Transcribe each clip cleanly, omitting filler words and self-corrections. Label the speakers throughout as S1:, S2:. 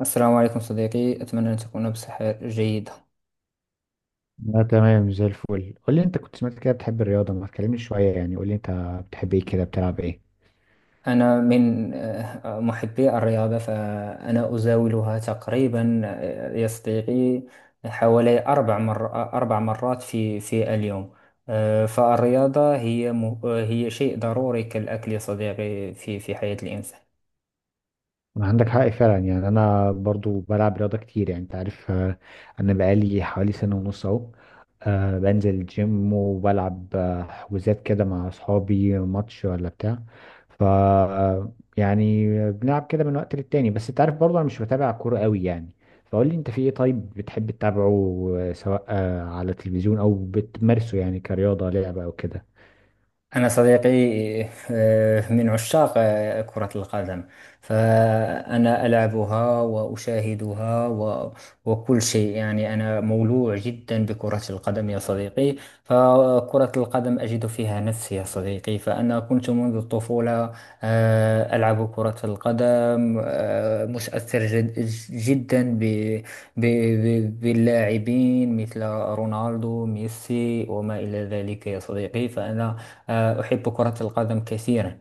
S1: السلام عليكم صديقي، أتمنى أن تكون بصحة جيدة.
S2: لا، تمام زي الفل. قول لي انت كنت سمعت كده، بتحب الرياضة؟ ما تكلمني شوية، يعني قول لي انت بتحب ايه كده، بتلعب ايه؟
S1: أنا من محبي الرياضة، فأنا أزاولها تقريبا، يا صديقي، حوالي 4 مرات في اليوم. فالرياضة هي م... آه، هي شيء ضروري كالأكل يا صديقي في حياة الإنسان.
S2: عندك حق فعلا، يعني انا برضو بلعب رياضه كتير، يعني انت عارف. انا بقالي حوالي سنه ونص اهو. بنزل الجيم وبلعب حجوزات كده مع اصحابي، ماتش ولا بتاع. ف آه، يعني بنلعب كده من وقت للتاني، بس انت عارف برضو انا مش بتابع كوره قوي يعني. فقول لي انت في ايه، طيب بتحب تتابعه سواء على التلفزيون او بتمارسه يعني كرياضه لعبه او كده؟
S1: أنا صديقي من عشاق كرة القدم، فأنا ألعبها وأشاهدها وكل شيء. يعني أنا مولوع جدا بكرة القدم يا صديقي، فكرة القدم أجد فيها نفسي يا صديقي. فأنا كنت منذ الطفولة ألعب كرة القدم، متأثر جدا باللاعبين مثل رونالدو، ميسي، وما إلى ذلك يا صديقي. فأنا أحب كرة القدم كثيرا.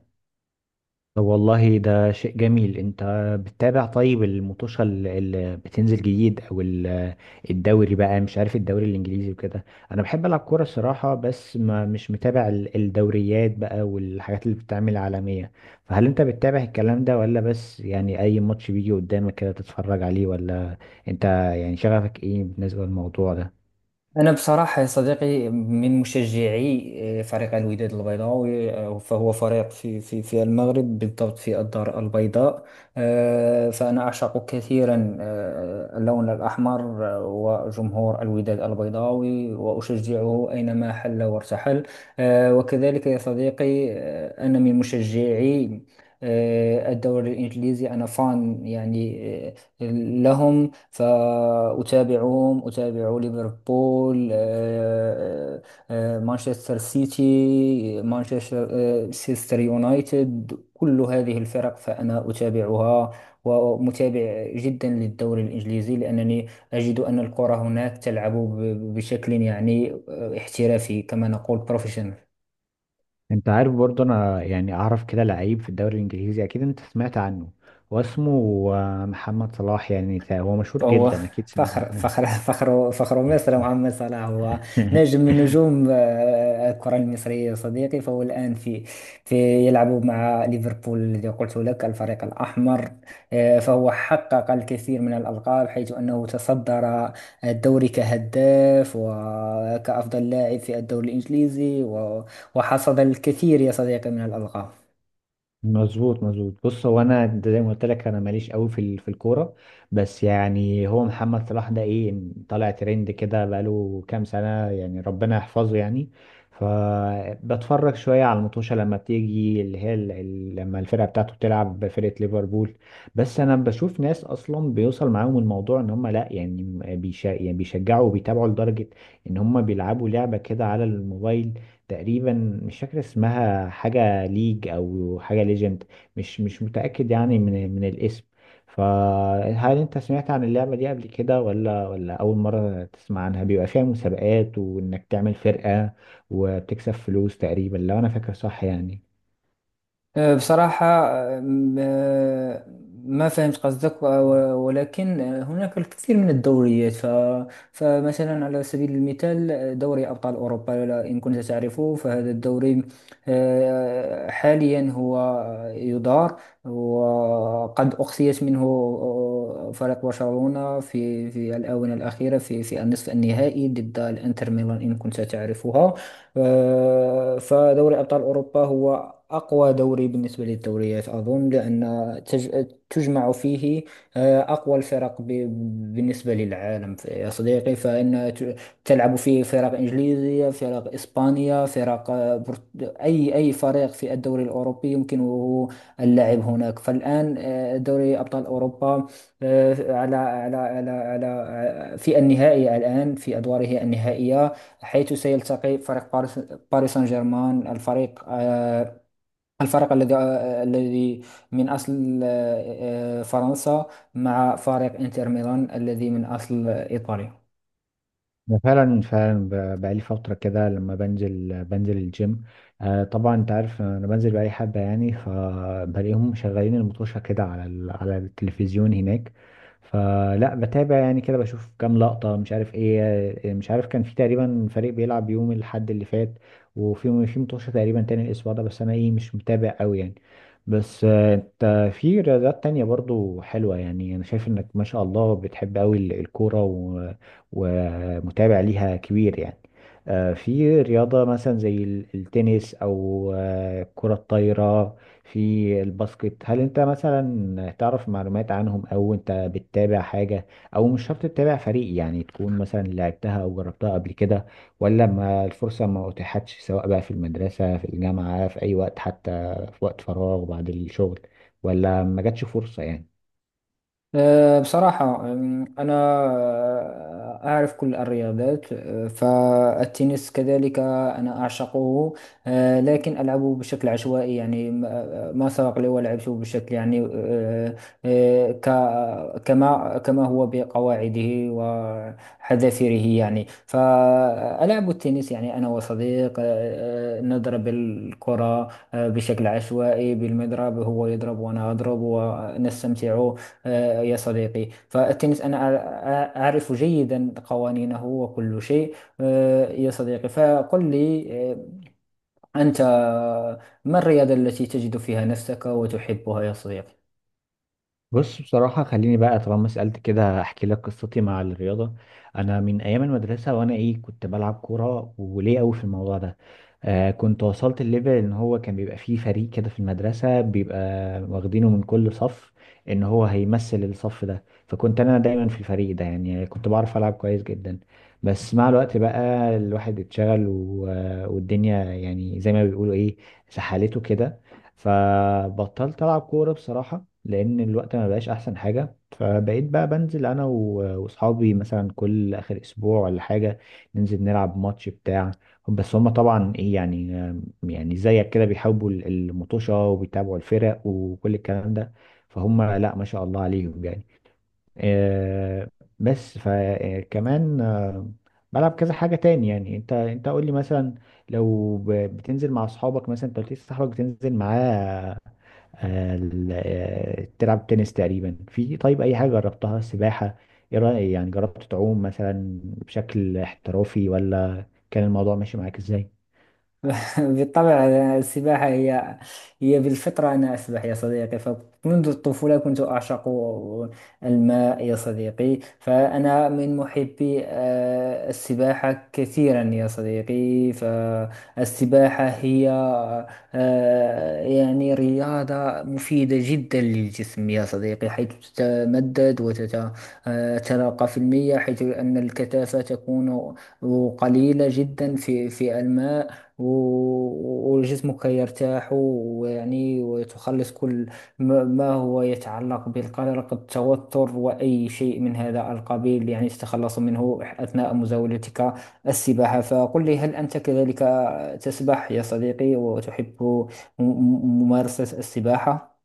S2: طب والله ده شيء جميل. انت بتتابع طيب المطوشة اللي بتنزل جديد او الدوري بقى، مش عارف الدوري الانجليزي وكده؟ انا بحب العب كورة الصراحة، بس ما مش متابع الدوريات بقى والحاجات اللي بتتعمل عالمية. فهل انت بتتابع الكلام ده، ولا بس يعني اي ماتش بيجي قدامك كده تتفرج عليه ولا انت، يعني شغفك ايه بالنسبة للموضوع ده؟
S1: أنا بصراحة يا صديقي من مشجعي فريق الوداد البيضاوي، فهو فريق في في المغرب، بالضبط في الدار البيضاء. فأنا أعشق كثيرا اللون الأحمر وجمهور الوداد البيضاوي، وأشجعه أينما حل وارتحل. وكذلك يا صديقي، أنا من مشجعي الدوري الإنجليزي. أنا فان يعني آه، لهم، فأتابعهم، أتابع ليفربول، مانشستر سيتي، مانشستر سيستر يونايتد، كل هذه الفرق فأنا أتابعها، ومتابع جدا للدوري الإنجليزي، لأنني أجد أن الكرة هناك تلعب بشكل يعني احترافي، كما نقول بروفيشنال.
S2: انت عارف برضه، انا يعني اعرف كده لعيب في الدوري الانجليزي، اكيد انت سمعت عنه. هو اسمه محمد صلاح، يعني هو مشهور
S1: فهو
S2: جدا، اكيد سمعت
S1: فخر
S2: عنه.
S1: مصر، محمد صلاح هو نجم من نجوم الكرة المصرية يا صديقي. فهو الآن في في يلعب مع ليفربول، الذي قلت لك الفريق الأحمر. فهو حقق الكثير من الألقاب، حيث أنه تصدر الدوري كهداف وكأفضل لاعب في الدوري الإنجليزي وحصد الكثير يا صديقي من الألقاب.
S2: مظبوط مظبوط. بص، هو انا زي ما قلت لك، انا ماليش قوي في في الكوره، بس يعني هو محمد صلاح ده ايه، طالع ترند كده بقاله كام سنه، يعني ربنا يحفظه يعني. فبتفرج شويه على المطوشه لما بتيجي، اللي هي لما الفرقه بتاعته بتلعب بفرقه ليفربول. بس انا بشوف ناس اصلا بيوصل معاهم الموضوع ان هم، لا يعني، بيشا يعني بيشجعوا وبيتابعوا لدرجه ان هم بيلعبوا لعبه كده على الموبايل، تقريبا مش فاكر اسمها، حاجة ليج أو حاجة ليجند، مش متأكد يعني من الاسم. فهل أنت سمعت عن اللعبة دي قبل كده ولا أول مرة تسمع عنها؟ بيبقى فيها مسابقات وإنك تعمل فرقة وبتكسب فلوس، تقريبا لو أنا فاكر صح يعني.
S1: بصراحة أه، م- أه، ما فهمت قصدك، ولكن هناك الكثير من الدوريات. فمثلا على سبيل المثال، دوري أبطال أوروبا، إن كنت تعرفه، فهذا الدوري حاليا هو يدار، وقد أقصيت منه فريق برشلونة في الآونة الأخيرة في النصف النهائي ضد الإنتر ميلان، إن كنت تعرفها. فدوري أبطال أوروبا هو أقوى دوري بالنسبة للدوريات، أظن، لأن تجمع فيه أقوى الفرق بالنسبة للعالم يا صديقي. فإن تلعب فيه فرق إنجليزية، فرق إسبانيا، فرق أي فريق في الدوري الأوروبي يمكنه اللعب هناك. فالآن دوري أبطال أوروبا آه، على على على على آه، في النهائي الآن، في أدواره النهائية، حيث سيلتقي فريق باريس، سان جيرمان، الفريق الفريق الذي الذي من أصل فرنسا، مع فريق إنتر ميلان الذي من أصل إيطاليا.
S2: أنا فعلا فعلا بقالي فترة كده لما بنزل الجيم. آه طبعا أنت عارف أنا بنزل بقالي حبة يعني، فبلاقيهم مشغلين المطوشة كده على على التلفزيون هناك. فلا بتابع يعني كده بشوف كام لقطة، مش عارف إيه. مش عارف كان في تقريبا فريق بيلعب يوم الأحد اللي فات، وفي مطوشة تقريبا تاني الأسبوع ده، بس أنا إيه مش متابع أوي يعني. بس انت في رياضات تانية برضو حلوة، يعني انا شايف انك ما شاء الله بتحب قوي الكورة ومتابع ليها كبير يعني. في رياضة مثلا زي التنس أو كرة الطايرة، في الباسكت، هل أنت مثلا تعرف معلومات عنهم أو أنت بتتابع حاجة؟ أو مش شرط تتابع فريق، يعني تكون مثلا لعبتها أو جربتها قبل كده، ولا ما الفرصة ما أتيحتش، سواء بقى في المدرسة في الجامعة في أي وقت، حتى في وقت فراغ بعد الشغل، ولا ما جاتش فرصة يعني؟
S1: بصراحة أنا أعرف كل الرياضات. فالتنس كذلك أنا أعشقه، لكن ألعبه بشكل عشوائي، يعني ما ما سبق لي ولعبته بشكل يعني كما هو بقواعده وحذافيره. يعني فألعب التنس يعني أنا وصديق، أه، أه، نضرب الكرة بشكل عشوائي بالمضرب، هو يضرب وأنا أضرب ونستمتع. يا صديقي، فالتنس أنا أعرف جيدا قوانينه وكل شيء. يا صديقي، فقل لي أنت ما الرياضة التي تجد فيها نفسك وتحبها يا صديقي؟
S2: بص بصراحة، خليني بقى طالما سألت كده أحكي لك قصتي مع الرياضة. أنا من أيام المدرسة وأنا إيه كنت بلعب كورة وليه أوي في الموضوع ده. آه كنت وصلت الليفل إن هو كان بيبقى فيه فريق كده في المدرسة، بيبقى واخدينه من كل صف، إن هو هيمثل الصف ده، فكنت أنا دايما في الفريق ده، يعني كنت بعرف ألعب كويس جدا. بس مع الوقت بقى الواحد اتشغل والدنيا يعني زي ما بيقولوا إيه، سحلته كده، فبطلت ألعب كورة بصراحة، لان الوقت ما بقاش احسن حاجه. فبقيت بقى بنزل انا واصحابي مثلا كل اخر اسبوع ولا حاجه، ننزل نلعب ماتش بتاع. بس هما طبعا ايه يعني، يعني زيك كده بيحبوا المطوشه وبيتابعوا الفرق وكل الكلام ده، فهم لا ما شاء الله عليهم يعني. آه، بس فكمان بلعب كذا حاجه تاني يعني. انت قول لي مثلا لو بتنزل مع اصحابك، مثلا انت قلت لي صاحبك بتنزل معاه تلعب تنس تقريبا في. طيب اي حاجه جربتها، سباحه ايه رايك يعني؟ جربت تعوم مثلا بشكل احترافي ولا كان الموضوع ماشي معاك ازاي؟
S1: بالطبع، السباحة هي بالفطرة. أنا أسبح يا صديقي، فمنذ الطفولة كنت أعشق الماء يا صديقي. فأنا من محبي السباحة كثيرا يا صديقي. فالسباحة هي يعني رياضة مفيدة جدا للجسم يا صديقي، حيث تتمدد وتتلقى في المياه، حيث أن الكثافة تكون قليلة جدا في الماء، وجسمك يرتاح، ويعني وتخلص كل ما هو يتعلق بالقلق، التوتر، وأي شيء من هذا القبيل، يعني تتخلص منه أثناء مزاولتك السباحة. فقل لي، هل أنت كذلك تسبح يا صديقي وتحب ممارسة السباحة؟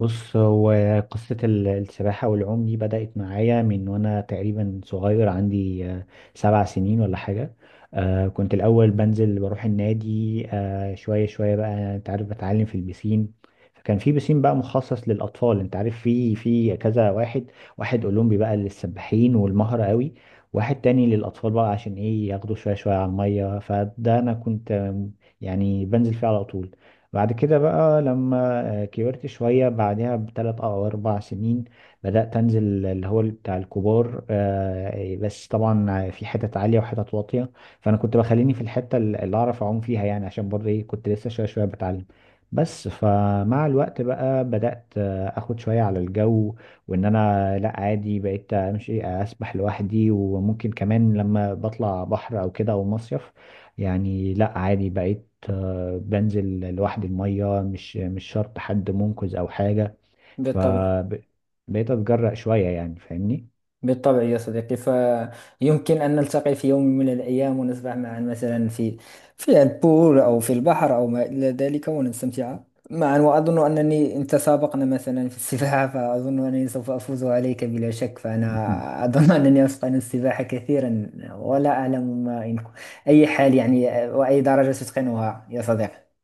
S2: بص هو قصة السباحة والعوم دي بدأت معايا من وأنا تقريبا صغير، عندي 7 سنين ولا حاجة. كنت الأول بنزل بروح النادي شوية شوية بقى، أنت عارف بتعلم في البسين. فكان في بسين بقى مخصص للأطفال، أنت عارف في كذا واحد، واحد أولمبي بقى للسباحين والمهرة قوي، واحد تاني للأطفال بقى عشان إيه ياخدوا شوية شوية على المية. فده أنا كنت يعني بنزل فيه على طول. بعد كده بقى لما كبرت شوية، بعدها بثلاث أو أربع سنين بدأت أنزل اللي هو بتاع الكبار، بس طبعا في حتت عالية وحتت واطية، فأنا كنت بخليني في الحتة اللي أعرف أعوم فيها يعني، عشان برضه إيه كنت لسه شوية شوية بتعلم. بس فمع الوقت بقى بدأت أخد شوية على الجو، وإن أنا لأ عادي بقيت أمشي أسبح لوحدي، وممكن كمان لما بطلع بحر أو كده أو مصيف، يعني لا عادي بقيت بنزل لوحدي المية، مش شرط حد منقذ أو حاجة.
S1: بالطبع
S2: فبقيت أتجرأ شوية يعني، فاهمني؟
S1: بالطبع يا صديقي، فيمكن أن نلتقي في يوم من الأيام ونسبح معا، مثلا في البول أو في البحر أو ما إلى ذلك، ونستمتع معا. وأظن أنني إن تسابقنا مثلا في السباحة، فأظن أنني سوف أفوز عليك بلا شك،
S2: مهم.
S1: فأنا أظن أنني أتقن السباحة كثيرا. ولا أعلم ما إن أي حال يعني وأي درجة تتقنها يا صديقي.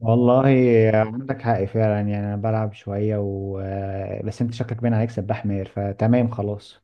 S2: والله عندك حق فعلا، يعني أنا بلعب شوية و... آه، بس أنت شكلك باين عليك سباح ماهر، فتمام خلاص.